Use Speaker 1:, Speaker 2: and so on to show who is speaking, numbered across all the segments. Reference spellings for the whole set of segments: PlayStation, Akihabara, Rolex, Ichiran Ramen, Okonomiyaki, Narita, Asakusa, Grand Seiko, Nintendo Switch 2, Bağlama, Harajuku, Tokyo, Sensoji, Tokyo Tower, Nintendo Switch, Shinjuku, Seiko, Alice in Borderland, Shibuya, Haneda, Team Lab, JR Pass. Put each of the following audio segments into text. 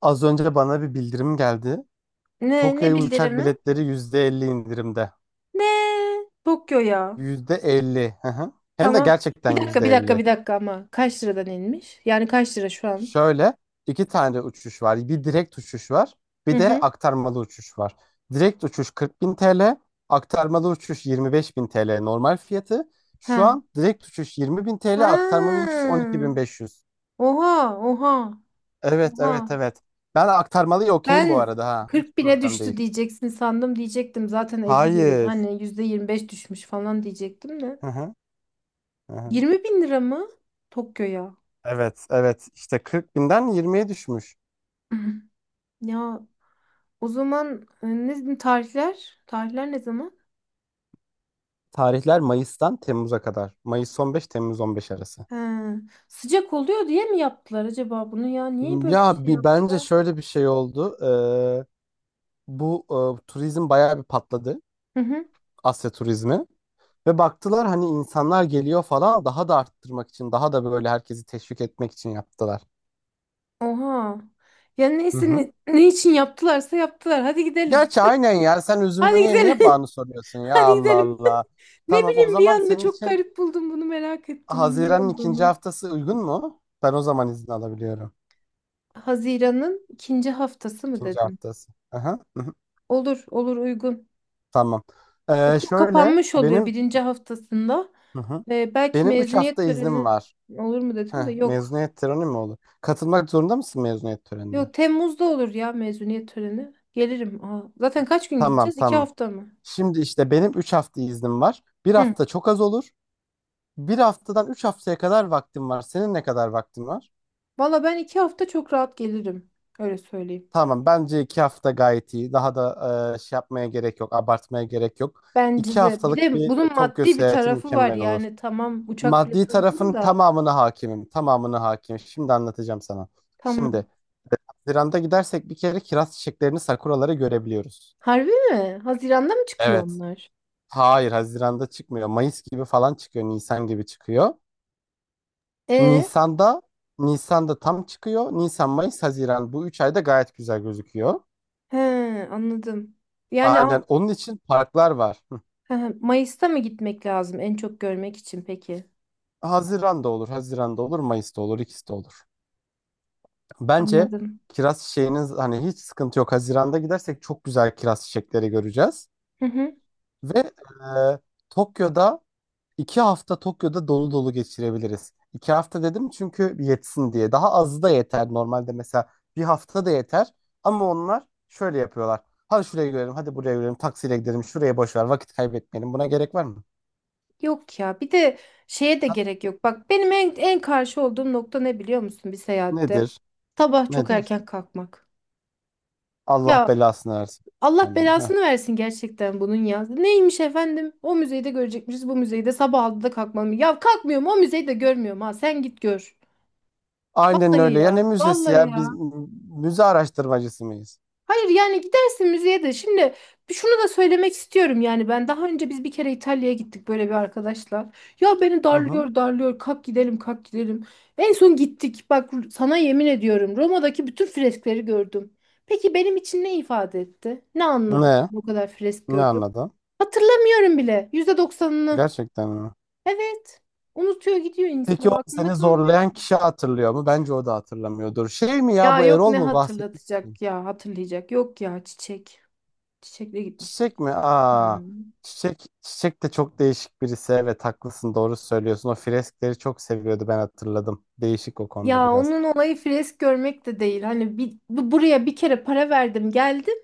Speaker 1: Az önce bana bir bildirim geldi.
Speaker 2: Ne
Speaker 1: Tokyo'ya
Speaker 2: ne
Speaker 1: uçak
Speaker 2: bildirimi?
Speaker 1: biletleri %50 indirimde.
Speaker 2: Ne? Tokyo ya.
Speaker 1: %50. Hı hı. Hem de
Speaker 2: Tamam.
Speaker 1: gerçekten
Speaker 2: Bir dakika bir dakika
Speaker 1: %50.
Speaker 2: bir dakika ama kaç liradan inmiş? Yani kaç lira şu an?
Speaker 1: Şöyle iki tane uçuş var. Bir direkt uçuş var.
Speaker 2: Hı
Speaker 1: Bir de
Speaker 2: hı.
Speaker 1: aktarmalı uçuş var. Direkt uçuş 40.000 TL. Aktarmalı uçuş 25.000 TL normal fiyatı. Şu
Speaker 2: Ha.
Speaker 1: an direkt uçuş 20.000 TL.
Speaker 2: Ha.
Speaker 1: Aktarmalı uçuş 12.500.
Speaker 2: Oha oha
Speaker 1: Evet,
Speaker 2: oha.
Speaker 1: evet, evet. Ben aktarmalıya okeyim bu
Speaker 2: Ben
Speaker 1: arada, ha. Hiç
Speaker 2: 40 bine
Speaker 1: problem
Speaker 2: düştü
Speaker 1: değil.
Speaker 2: diyeceksin sandım diyecektim. Zaten 50 bin
Speaker 1: Hayır.
Speaker 2: hani yüzde 25 düşmüş falan diyecektim de.
Speaker 1: Hı hı. Hı hı.
Speaker 2: 20 bin lira mı? Tokyo'ya.
Speaker 1: Evet, evet. İşte 40 binden 20'ye düşmüş.
Speaker 2: Ya o zaman ne tarihler? Tarihler ne zaman?
Speaker 1: Tarihler Mayıs'tan Temmuz'a kadar. Mayıs 15, Temmuz 15 arası.
Speaker 2: Ha, sıcak oluyor diye mi yaptılar acaba bunu ya? Niye böyle bir
Speaker 1: Ya
Speaker 2: şey
Speaker 1: bir bence
Speaker 2: yaptılar?
Speaker 1: şöyle bir şey oldu. Ee, bu turizm bayağı bir patladı.
Speaker 2: Hı hı.
Speaker 1: Asya turizmi. Ve baktılar hani insanlar geliyor falan, daha da arttırmak için, daha da böyle herkesi teşvik etmek için yaptılar.
Speaker 2: Oha. Ya
Speaker 1: Hı
Speaker 2: neyse
Speaker 1: hı.
Speaker 2: ne, ne için yaptılarsa yaptılar. Hadi gidelim.
Speaker 1: Gerçi aynen ya, sen üzümünü
Speaker 2: Hadi
Speaker 1: niye
Speaker 2: gidelim.
Speaker 1: niye bağını soruyorsun ya,
Speaker 2: Hadi
Speaker 1: Allah
Speaker 2: gidelim.
Speaker 1: Allah.
Speaker 2: Ne
Speaker 1: Tamam, o
Speaker 2: bileyim bir
Speaker 1: zaman
Speaker 2: anda
Speaker 1: senin
Speaker 2: çok
Speaker 1: için
Speaker 2: garip buldum bunu merak ettim niye
Speaker 1: Haziran'ın ikinci
Speaker 2: olduğunu.
Speaker 1: haftası uygun mu? Ben o zaman izin alabiliyorum.
Speaker 2: Haziran'ın ikinci haftası mı
Speaker 1: İkinci
Speaker 2: dedin?
Speaker 1: haftası. Aha, hı hı.
Speaker 2: Olur, olur uygun.
Speaker 1: Tamam. Ee,
Speaker 2: Okul
Speaker 1: şöyle
Speaker 2: kapanmış oluyor
Speaker 1: benim,
Speaker 2: birinci haftasında.
Speaker 1: hı hı,
Speaker 2: Belki
Speaker 1: benim 3
Speaker 2: mezuniyet
Speaker 1: hafta iznim
Speaker 2: töreni
Speaker 1: var.
Speaker 2: olur mu
Speaker 1: Heh,
Speaker 2: dedim de yok.
Speaker 1: mezuniyet töreni mi olur? Katılmak zorunda mısın mezuniyet törenine?
Speaker 2: Yok Temmuz'da olur ya mezuniyet töreni. Gelirim. Aa, zaten kaç gün
Speaker 1: Tamam,
Speaker 2: gideceğiz? İki
Speaker 1: tamam.
Speaker 2: hafta mı?
Speaker 1: Şimdi işte benim 3 hafta iznim var. Bir
Speaker 2: Hı.
Speaker 1: hafta çok az olur. Bir haftadan 3 haftaya kadar vaktim var. Senin ne kadar vaktin var?
Speaker 2: Valla ben iki hafta çok rahat gelirim. Öyle söyleyeyim.
Speaker 1: Tamam, bence 2 hafta gayet iyi. Daha da şey yapmaya gerek yok. Abartmaya gerek yok.
Speaker 2: Bence
Speaker 1: 2
Speaker 2: de. Bir
Speaker 1: haftalık
Speaker 2: de
Speaker 1: bir
Speaker 2: bunun
Speaker 1: Tokyo
Speaker 2: maddi bir
Speaker 1: seyahati
Speaker 2: tarafı var.
Speaker 1: mükemmel olur.
Speaker 2: Yani tamam uçak
Speaker 1: Maddi
Speaker 2: bileti uygun
Speaker 1: tarafın
Speaker 2: da.
Speaker 1: tamamına hakimim. Tamamına hakimim. Şimdi anlatacağım sana. Şimdi
Speaker 2: Tamam.
Speaker 1: Haziran'da gidersek bir kere kiraz çiçeklerini, sakuraları görebiliyoruz.
Speaker 2: Harbi mi? Haziran'da mı çıkıyor
Speaker 1: Evet.
Speaker 2: onlar?
Speaker 1: Hayır, Haziran'da çıkmıyor. Mayıs gibi falan çıkıyor. Nisan gibi çıkıyor.
Speaker 2: E,
Speaker 1: Nisan'da Nisan'da tam çıkıyor. Nisan, Mayıs, Haziran bu 3 ayda gayet güzel gözüküyor.
Speaker 2: he, anladım. Yani
Speaker 1: Aynen. Onun için parklar var. Hı.
Speaker 2: he, he, Mayıs'ta mı gitmek lazım en çok görmek için peki?
Speaker 1: Haziran'da olur, Haziran'da olur, Mayıs'ta olur, ikisi de olur. Bence
Speaker 2: Anladım.
Speaker 1: kiraz çiçeğiniz hani hiç sıkıntı yok. Haziran'da gidersek çok güzel kiraz çiçekleri göreceğiz.
Speaker 2: Hı hı.
Speaker 1: Ve Tokyo'da iki hafta Tokyo'da dolu dolu geçirebiliriz. İki hafta dedim çünkü yetsin diye. Daha azı da yeter normalde, mesela bir hafta da yeter. Ama onlar şöyle yapıyorlar. Hadi şuraya görelim, hadi buraya görelim, taksiyle gidelim, şuraya boş ver, vakit kaybetmeyelim. Buna gerek var mı?
Speaker 2: Yok ya bir de şeye de gerek yok. Bak benim en, en karşı olduğum nokta ne biliyor musun bir seyahatte?
Speaker 1: Nedir?
Speaker 2: Sabah çok
Speaker 1: Nedir?
Speaker 2: erken kalkmak.
Speaker 1: Allah
Speaker 2: Ya
Speaker 1: belasını versin.
Speaker 2: Allah
Speaker 1: Yani, heh.
Speaker 2: belasını versin gerçekten bunun ya. Neymiş efendim? O müzeyi de görecekmişiz bu müzeyi de sabah altıda kalkmam. Ya kalkmıyorum o müzeyi de görmüyorum ha sen git gör.
Speaker 1: Aynen
Speaker 2: Vallahi
Speaker 1: öyle.
Speaker 2: ya
Speaker 1: Ya ne müzesi
Speaker 2: vallahi
Speaker 1: ya? Biz
Speaker 2: ya.
Speaker 1: müze araştırmacısı mıyız?
Speaker 2: Hayır yani gidersin müzeye de. Şimdi şunu da söylemek istiyorum yani ben daha önce biz bir kere İtalya'ya gittik böyle bir arkadaşla. Ya beni
Speaker 1: Hı hı.
Speaker 2: darlıyor darlıyor kalk gidelim kalk gidelim. En son gittik bak sana yemin ediyorum Roma'daki bütün freskleri gördüm. Peki benim için ne ifade etti? Ne anladım
Speaker 1: Ne?
Speaker 2: bu kadar fresk
Speaker 1: Ne
Speaker 2: gördüm?
Speaker 1: anladın?
Speaker 2: Hatırlamıyorum bile %90'ını.
Speaker 1: Gerçekten mi?
Speaker 2: Evet, unutuyor gidiyor insan
Speaker 1: Peki, o
Speaker 2: aklında
Speaker 1: seni
Speaker 2: kalmıyor
Speaker 1: zorlayan
Speaker 2: ki.
Speaker 1: kişi hatırlıyor mu? Bence o da hatırlamıyordur. Şey mi ya,
Speaker 2: Ya
Speaker 1: bu
Speaker 2: yok
Speaker 1: Erol
Speaker 2: ne
Speaker 1: mu bahsetmiştin?
Speaker 2: hatırlatacak ya hatırlayacak yok ya çiçek. Çiçekle gitmiştik.
Speaker 1: Çiçek mi? Aa,
Speaker 2: Hmm.
Speaker 1: Çiçek, Çiçek de çok değişik birisi. Evet, haklısın, doğru söylüyorsun. O freskleri çok seviyordu, ben hatırladım. Değişik o konuda
Speaker 2: Ya
Speaker 1: biraz.
Speaker 2: onun olayı fresk görmek de değil. Hani bir, buraya bir kere para verdim geldim.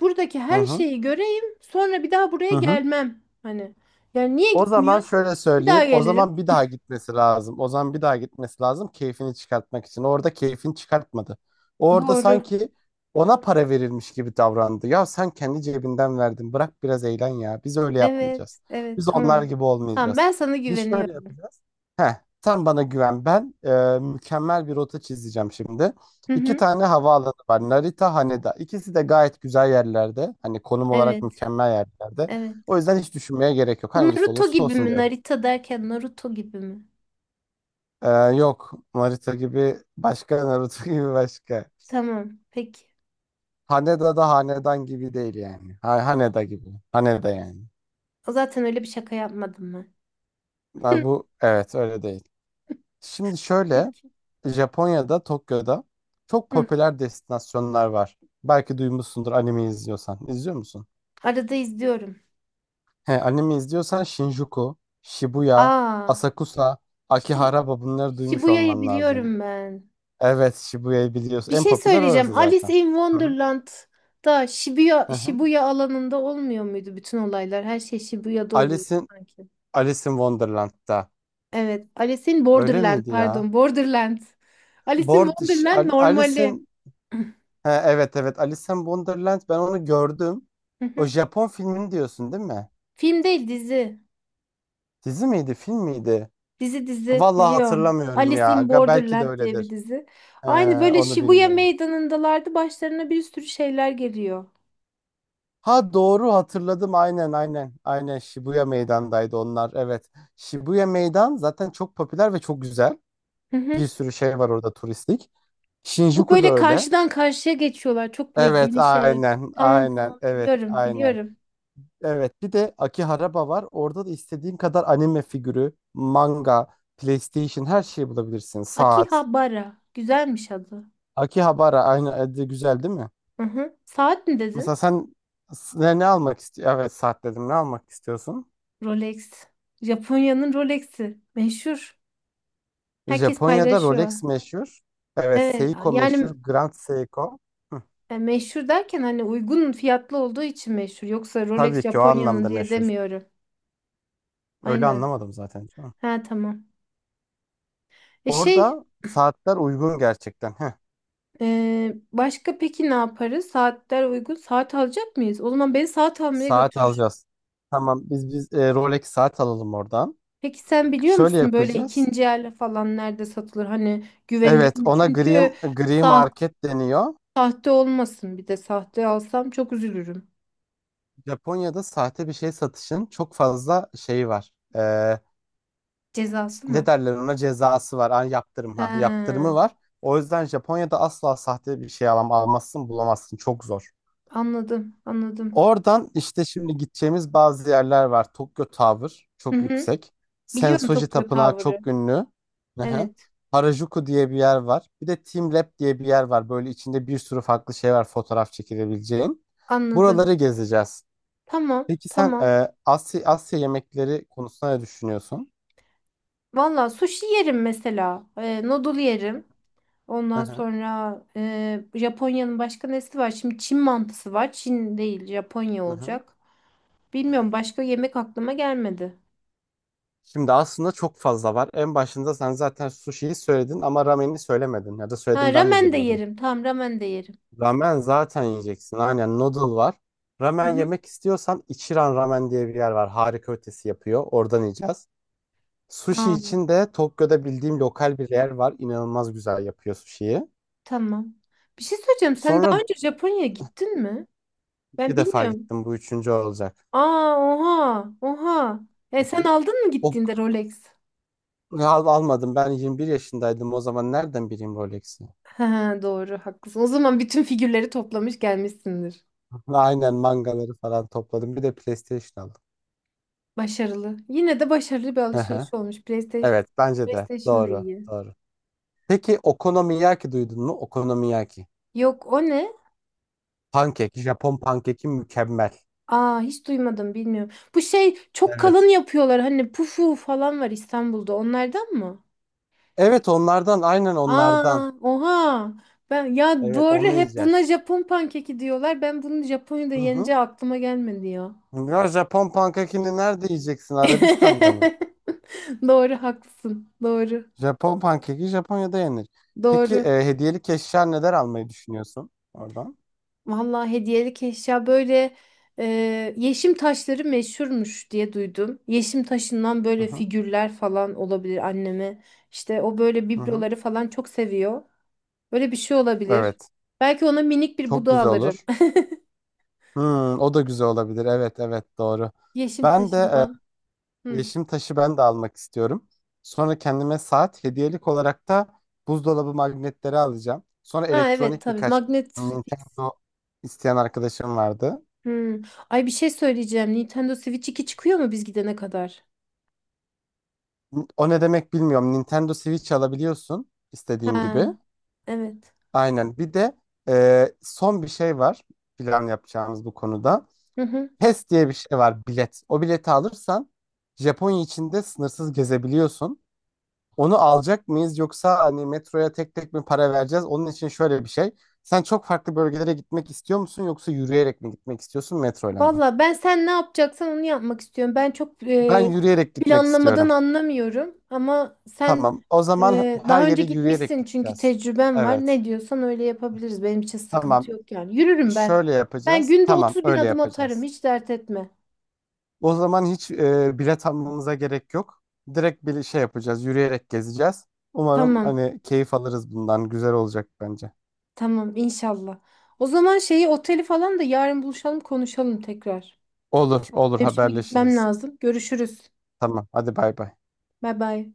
Speaker 2: Buradaki
Speaker 1: Hı
Speaker 2: her
Speaker 1: hı.
Speaker 2: şeyi göreyim. Sonra bir daha buraya
Speaker 1: Hı hı.
Speaker 2: gelmem. Hani yani niye
Speaker 1: O zaman
Speaker 2: gitmiyorsun?
Speaker 1: şöyle
Speaker 2: Bir daha
Speaker 1: söyleyeyim. O
Speaker 2: gelirim.
Speaker 1: zaman bir daha gitmesi lazım. O zaman bir daha gitmesi lazım keyfini çıkartmak için. Orada keyfini çıkartmadı. Orada
Speaker 2: Doğru.
Speaker 1: sanki ona para verilmiş gibi davrandı. Ya sen kendi cebinden verdin. Bırak biraz eğlen ya. Biz öyle
Speaker 2: Evet,
Speaker 1: yapmayacağız.
Speaker 2: evet
Speaker 1: Biz onlar
Speaker 2: tamam.
Speaker 1: gibi
Speaker 2: Tamam
Speaker 1: olmayacağız.
Speaker 2: ben sana
Speaker 1: Biz şöyle
Speaker 2: güveniyorum.
Speaker 1: yapacağız. Heh, sen bana güven. Ben mükemmel bir rota çizeceğim şimdi.
Speaker 2: Hı
Speaker 1: İki
Speaker 2: hı.
Speaker 1: tane havaalanı var. Narita, Haneda. İkisi de gayet güzel yerlerde. Hani konum olarak
Speaker 2: Evet,
Speaker 1: mükemmel yerlerde.
Speaker 2: evet.
Speaker 1: O yüzden hiç düşünmeye gerek yok.
Speaker 2: Bu
Speaker 1: Hangisi
Speaker 2: Naruto
Speaker 1: olursa
Speaker 2: gibi
Speaker 1: olsun
Speaker 2: mi?
Speaker 1: diyorum.
Speaker 2: Narita derken Naruto gibi mi?
Speaker 1: Ee, yok. Naruto gibi başka, Naruto gibi başka.
Speaker 2: Tamam, peki.
Speaker 1: Haneda da hanedan gibi değil yani. Ha, Haneda gibi. Haneda yani.
Speaker 2: O zaten öyle bir şaka yapmadım ben.
Speaker 1: Ha, bu evet öyle değil. Şimdi şöyle
Speaker 2: Peki.
Speaker 1: Japonya'da Tokyo'da çok
Speaker 2: Hı,
Speaker 1: popüler destinasyonlar var. Belki duymuşsundur, anime izliyorsan. İzliyor musun?
Speaker 2: arada izliyorum.
Speaker 1: He, anime izliyorsan Shinjuku, Shibuya,
Speaker 2: Aa.
Speaker 1: Asakusa,
Speaker 2: İşte
Speaker 1: Akihabara, bunları duymuş
Speaker 2: Shibuya'yı
Speaker 1: olman lazım.
Speaker 2: biliyorum ben.
Speaker 1: Evet, Shibuya'yı biliyorsun.
Speaker 2: Bir
Speaker 1: En
Speaker 2: şey
Speaker 1: popüler orası
Speaker 2: söyleyeceğim.
Speaker 1: zaten.
Speaker 2: Alice in
Speaker 1: Hı hı.
Speaker 2: Wonderland'da Shibuya,
Speaker 1: Hı hı.
Speaker 2: Shibuya alanında olmuyor muydu bütün olaylar? Her şey Shibuya'da oluyordu
Speaker 1: Alice in,
Speaker 2: sanki.
Speaker 1: Alice in Wonderland'da.
Speaker 2: Evet. Alice in
Speaker 1: Öyle
Speaker 2: Borderland
Speaker 1: miydi ya?
Speaker 2: pardon. Borderland. Alice in Wonderland normali.
Speaker 1: Alice'in, ha, evet evet Alice in Wonderland, ben onu gördüm.
Speaker 2: Hı
Speaker 1: O
Speaker 2: hı.
Speaker 1: Japon filmini diyorsun değil mi?
Speaker 2: Film değil dizi.
Speaker 1: Dizi miydi, film miydi?
Speaker 2: Dizi dizi
Speaker 1: Vallahi
Speaker 2: biliyorum.
Speaker 1: hatırlamıyorum
Speaker 2: Alice
Speaker 1: ya.
Speaker 2: in
Speaker 1: Belki de
Speaker 2: Borderland diye bir
Speaker 1: öyledir.
Speaker 2: dizi.
Speaker 1: Ee,
Speaker 2: Aynı böyle
Speaker 1: onu
Speaker 2: Shibuya
Speaker 1: bilmiyorum.
Speaker 2: meydanındalardı. Başlarına bir sürü şeyler geliyor.
Speaker 1: Ha, doğru hatırladım, aynen aynen. Aynen Shibuya Meydan'daydı onlar. Evet. Shibuya Meydan zaten çok popüler ve çok güzel.
Speaker 2: Hı hı.
Speaker 1: Bir sürü şey var orada turistik.
Speaker 2: Bu
Speaker 1: Shinjuku da
Speaker 2: böyle
Speaker 1: öyle.
Speaker 2: karşıdan karşıya geçiyorlar. Çok ve
Speaker 1: Evet,
Speaker 2: geniş evler.
Speaker 1: aynen,
Speaker 2: Tamam
Speaker 1: aynen,
Speaker 2: tamam
Speaker 1: evet,
Speaker 2: biliyorum
Speaker 1: aynen.
Speaker 2: biliyorum.
Speaker 1: Evet, bir de Akihabara var. Orada da istediğin kadar anime figürü, manga, PlayStation, her şeyi bulabilirsin. Saat.
Speaker 2: Akihabara. Güzelmiş adı.
Speaker 1: Akihabara aynı de güzel değil mi?
Speaker 2: Hı hı. Saat mi dedin?
Speaker 1: Mesela sen ne almak istiyorsun? Evet, saat dedim. Ne almak istiyorsun?
Speaker 2: Rolex. Japonya'nın Rolex'i. Meşhur. Herkes
Speaker 1: Japonya'da
Speaker 2: paylaşıyor.
Speaker 1: Rolex meşhur. Evet,
Speaker 2: Evet
Speaker 1: Seiko meşhur.
Speaker 2: yani
Speaker 1: Grand Seiko. Hı,
Speaker 2: meşhur derken hani uygun fiyatlı olduğu için meşhur. Yoksa Rolex
Speaker 1: tabii ki o
Speaker 2: Japonya'nın
Speaker 1: anlamda
Speaker 2: diye
Speaker 1: meşhur.
Speaker 2: demiyorum.
Speaker 1: Öyle
Speaker 2: Aynen.
Speaker 1: anlamadım zaten, canım.
Speaker 2: Ha tamam. E şey
Speaker 1: Orada saatler uygun gerçekten. Heh.
Speaker 2: başka peki ne yaparız? Saatler uygun. Saat alacak mıyız? O zaman beni saat almaya
Speaker 1: Saat
Speaker 2: götür.
Speaker 1: alacağız. Tamam, biz Rolex saat alalım oradan.
Speaker 2: Peki sen biliyor
Speaker 1: Şöyle
Speaker 2: musun böyle
Speaker 1: yapacağız.
Speaker 2: ikinci el falan nerede satılır? Hani güvenilir
Speaker 1: Evet,
Speaker 2: mi?
Speaker 1: ona
Speaker 2: Çünkü
Speaker 1: gri
Speaker 2: sah
Speaker 1: market deniyor.
Speaker 2: sahte olmasın bir de sahte alsam çok üzülürüm.
Speaker 1: Japonya'da sahte bir şey satışın çok fazla şeyi var. Ee,
Speaker 2: Cezası
Speaker 1: ne
Speaker 2: mı?
Speaker 1: derler ona, cezası var. Ha,
Speaker 2: He,
Speaker 1: yaptırımı var. O yüzden Japonya'da asla sahte bir şey almazsın, bulamazsın. Çok zor.
Speaker 2: anladım anladım.
Speaker 1: Oradan işte şimdi gideceğimiz bazı yerler var. Tokyo Tower
Speaker 2: Hı
Speaker 1: çok
Speaker 2: hı.
Speaker 1: yüksek.
Speaker 2: Biliyorum
Speaker 1: Sensoji
Speaker 2: Tokyo
Speaker 1: Tapınağı
Speaker 2: Tower'ı.
Speaker 1: çok ünlü. Aha.
Speaker 2: Evet
Speaker 1: Harajuku diye bir yer var. Bir de Team Lab diye bir yer var. Böyle içinde bir sürü farklı şey var fotoğraf çekilebileceğin.
Speaker 2: anladım.
Speaker 1: Buraları gezeceğiz.
Speaker 2: Tamam
Speaker 1: Peki sen
Speaker 2: tamam.
Speaker 1: Asya yemekleri konusunda ne düşünüyorsun?
Speaker 2: Valla sushi yerim mesela. Noodle yerim. Ondan
Speaker 1: Aha,
Speaker 2: sonra Japonya'nın başka nesi var? Şimdi Çin mantısı var. Çin değil Japonya
Speaker 1: aha.
Speaker 2: olacak. Bilmiyorum başka yemek aklıma gelmedi.
Speaker 1: Şimdi aslında çok fazla var. En başında sen zaten sushi'yi söyledin ama ramen'i söylemedin. Ya da
Speaker 2: Ha
Speaker 1: söyledim ben mi
Speaker 2: ramen de
Speaker 1: duymadım?
Speaker 2: yerim. Tamam ramen de yerim.
Speaker 1: Ramen zaten yiyeceksin. Aynen, noodle var.
Speaker 2: Hı
Speaker 1: Ramen
Speaker 2: hı.
Speaker 1: yemek istiyorsan Ichiran Ramen diye bir yer var. Harika ötesi yapıyor. Oradan yiyeceğiz. Sushi
Speaker 2: Aa,
Speaker 1: için de Tokyo'da bildiğim lokal bir yer var. İnanılmaz güzel yapıyor sushi'yi.
Speaker 2: tamam. Bir şey söyleyeceğim. Sen daha
Speaker 1: Sonra
Speaker 2: önce Japonya'ya gittin mi? Ben
Speaker 1: iki defa
Speaker 2: bilmiyorum.
Speaker 1: gittim. Bu üçüncü olacak.
Speaker 2: Aa oha oha. E
Speaker 1: Hı
Speaker 2: sen
Speaker 1: hı.
Speaker 2: aldın mı
Speaker 1: O
Speaker 2: gittiğinde Rolex?
Speaker 1: almadım. Ben 21 yaşındaydım. O zaman nereden bileyim Rolex'i?
Speaker 2: Ha, doğru haklısın. O zaman bütün figürleri toplamış gelmişsindir.
Speaker 1: Aynen, mangaları falan topladım. Bir de PlayStation aldım.
Speaker 2: Başarılı. Yine de başarılı bir
Speaker 1: Hı hı.
Speaker 2: alışveriş olmuş. PlayStation,
Speaker 1: Evet, bence de.
Speaker 2: PlayStation da
Speaker 1: Doğru.
Speaker 2: iyi.
Speaker 1: Doğru. Peki Okonomiyaki duydun mu? Okonomiyaki.
Speaker 2: Yok o ne?
Speaker 1: Pankek. Japon pankeki mükemmel.
Speaker 2: Aa hiç duymadım bilmiyorum. Bu şey çok kalın
Speaker 1: Evet.
Speaker 2: yapıyorlar hani pufu falan var İstanbul'da onlardan mı?
Speaker 1: Evet, onlardan, aynen onlardan.
Speaker 2: Aa, oha. Ben ya
Speaker 1: Evet,
Speaker 2: doğru
Speaker 1: onu
Speaker 2: hep buna
Speaker 1: yiyeceğiz.
Speaker 2: Japon pankeki diyorlar. Ben bunu Japonya'da
Speaker 1: Hı hı.
Speaker 2: yeneceği aklıma gelmedi ya.
Speaker 1: Ya Japon pankekini nerede yiyeceksin? Arabistan'da mı?
Speaker 2: Doğru haklısın. Doğru.
Speaker 1: Japon pankeki Japonya'da yenir. Peki
Speaker 2: Doğru.
Speaker 1: hediyelik eşya neler almayı düşünüyorsun oradan?
Speaker 2: Vallahi hediyelik eşya böyle yeşim taşları meşhurmuş diye duydum. Yeşim taşından
Speaker 1: Hı
Speaker 2: böyle
Speaker 1: hı.
Speaker 2: figürler falan olabilir anneme. İşte o böyle
Speaker 1: Hı hı.
Speaker 2: bibloları falan çok seviyor. Böyle bir şey olabilir.
Speaker 1: Evet.
Speaker 2: Belki ona minik bir
Speaker 1: Çok
Speaker 2: buda
Speaker 1: güzel
Speaker 2: alırım.
Speaker 1: olur. Hmm, o da güzel olabilir. Evet, evet, doğru.
Speaker 2: Yeşim
Speaker 1: Ben de
Speaker 2: taşından. Hı.
Speaker 1: yeşim taşı ben de almak istiyorum. Sonra kendime saat hediyelik olarak da buzdolabı magnetleri alacağım. Sonra
Speaker 2: Ha evet
Speaker 1: elektronik
Speaker 2: tabii.
Speaker 1: birkaç
Speaker 2: Magnet Fix.
Speaker 1: Nintendo isteyen arkadaşım vardı.
Speaker 2: Hmm. Ay bir şey söyleyeceğim. Nintendo Switch 2 çıkıyor mu biz gidene kadar?
Speaker 1: O ne demek bilmiyorum. Nintendo Switch alabiliyorsun istediğin gibi.
Speaker 2: Ha evet.
Speaker 1: Aynen. Bir de son bir şey var plan yapacağımız bu konuda.
Speaker 2: Hı hı.
Speaker 1: PES diye bir şey var bilet. O bileti alırsan Japonya içinde sınırsız gezebiliyorsun. Onu alacak mıyız yoksa hani metroya tek tek mi para vereceğiz? Onun için şöyle bir şey. Sen çok farklı bölgelere gitmek istiyor musun yoksa yürüyerek mi gitmek istiyorsun metroyla mı?
Speaker 2: Valla ben sen ne yapacaksan onu yapmak istiyorum. Ben çok
Speaker 1: Ben yürüyerek gitmek
Speaker 2: planlamadan
Speaker 1: istiyorum.
Speaker 2: anlamıyorum. Ama sen
Speaker 1: Tamam. O zaman her
Speaker 2: daha önce
Speaker 1: yere yürüyerek
Speaker 2: gitmişsin çünkü
Speaker 1: gideceğiz.
Speaker 2: tecrüben var.
Speaker 1: Evet.
Speaker 2: Ne diyorsan öyle yapabiliriz. Benim için sıkıntı
Speaker 1: Tamam.
Speaker 2: yok yani. Yürürüm ben.
Speaker 1: Şöyle
Speaker 2: Ben
Speaker 1: yapacağız.
Speaker 2: günde
Speaker 1: Tamam,
Speaker 2: 30.000
Speaker 1: öyle
Speaker 2: adım atarım.
Speaker 1: yapacağız.
Speaker 2: Hiç dert etme.
Speaker 1: O zaman hiç bilet almamıza gerek yok. Direkt bir şey yapacağız. Yürüyerek gezeceğiz. Umarım
Speaker 2: Tamam.
Speaker 1: hani keyif alırız bundan. Güzel olacak bence.
Speaker 2: Tamam inşallah. O zaman şeyi oteli falan da yarın buluşalım konuşalım tekrar.
Speaker 1: Olur, olur,
Speaker 2: Benim şimdi gitmem
Speaker 1: haberleşiriz.
Speaker 2: lazım. Görüşürüz.
Speaker 1: Tamam. Hadi bay bay.
Speaker 2: Bay bay.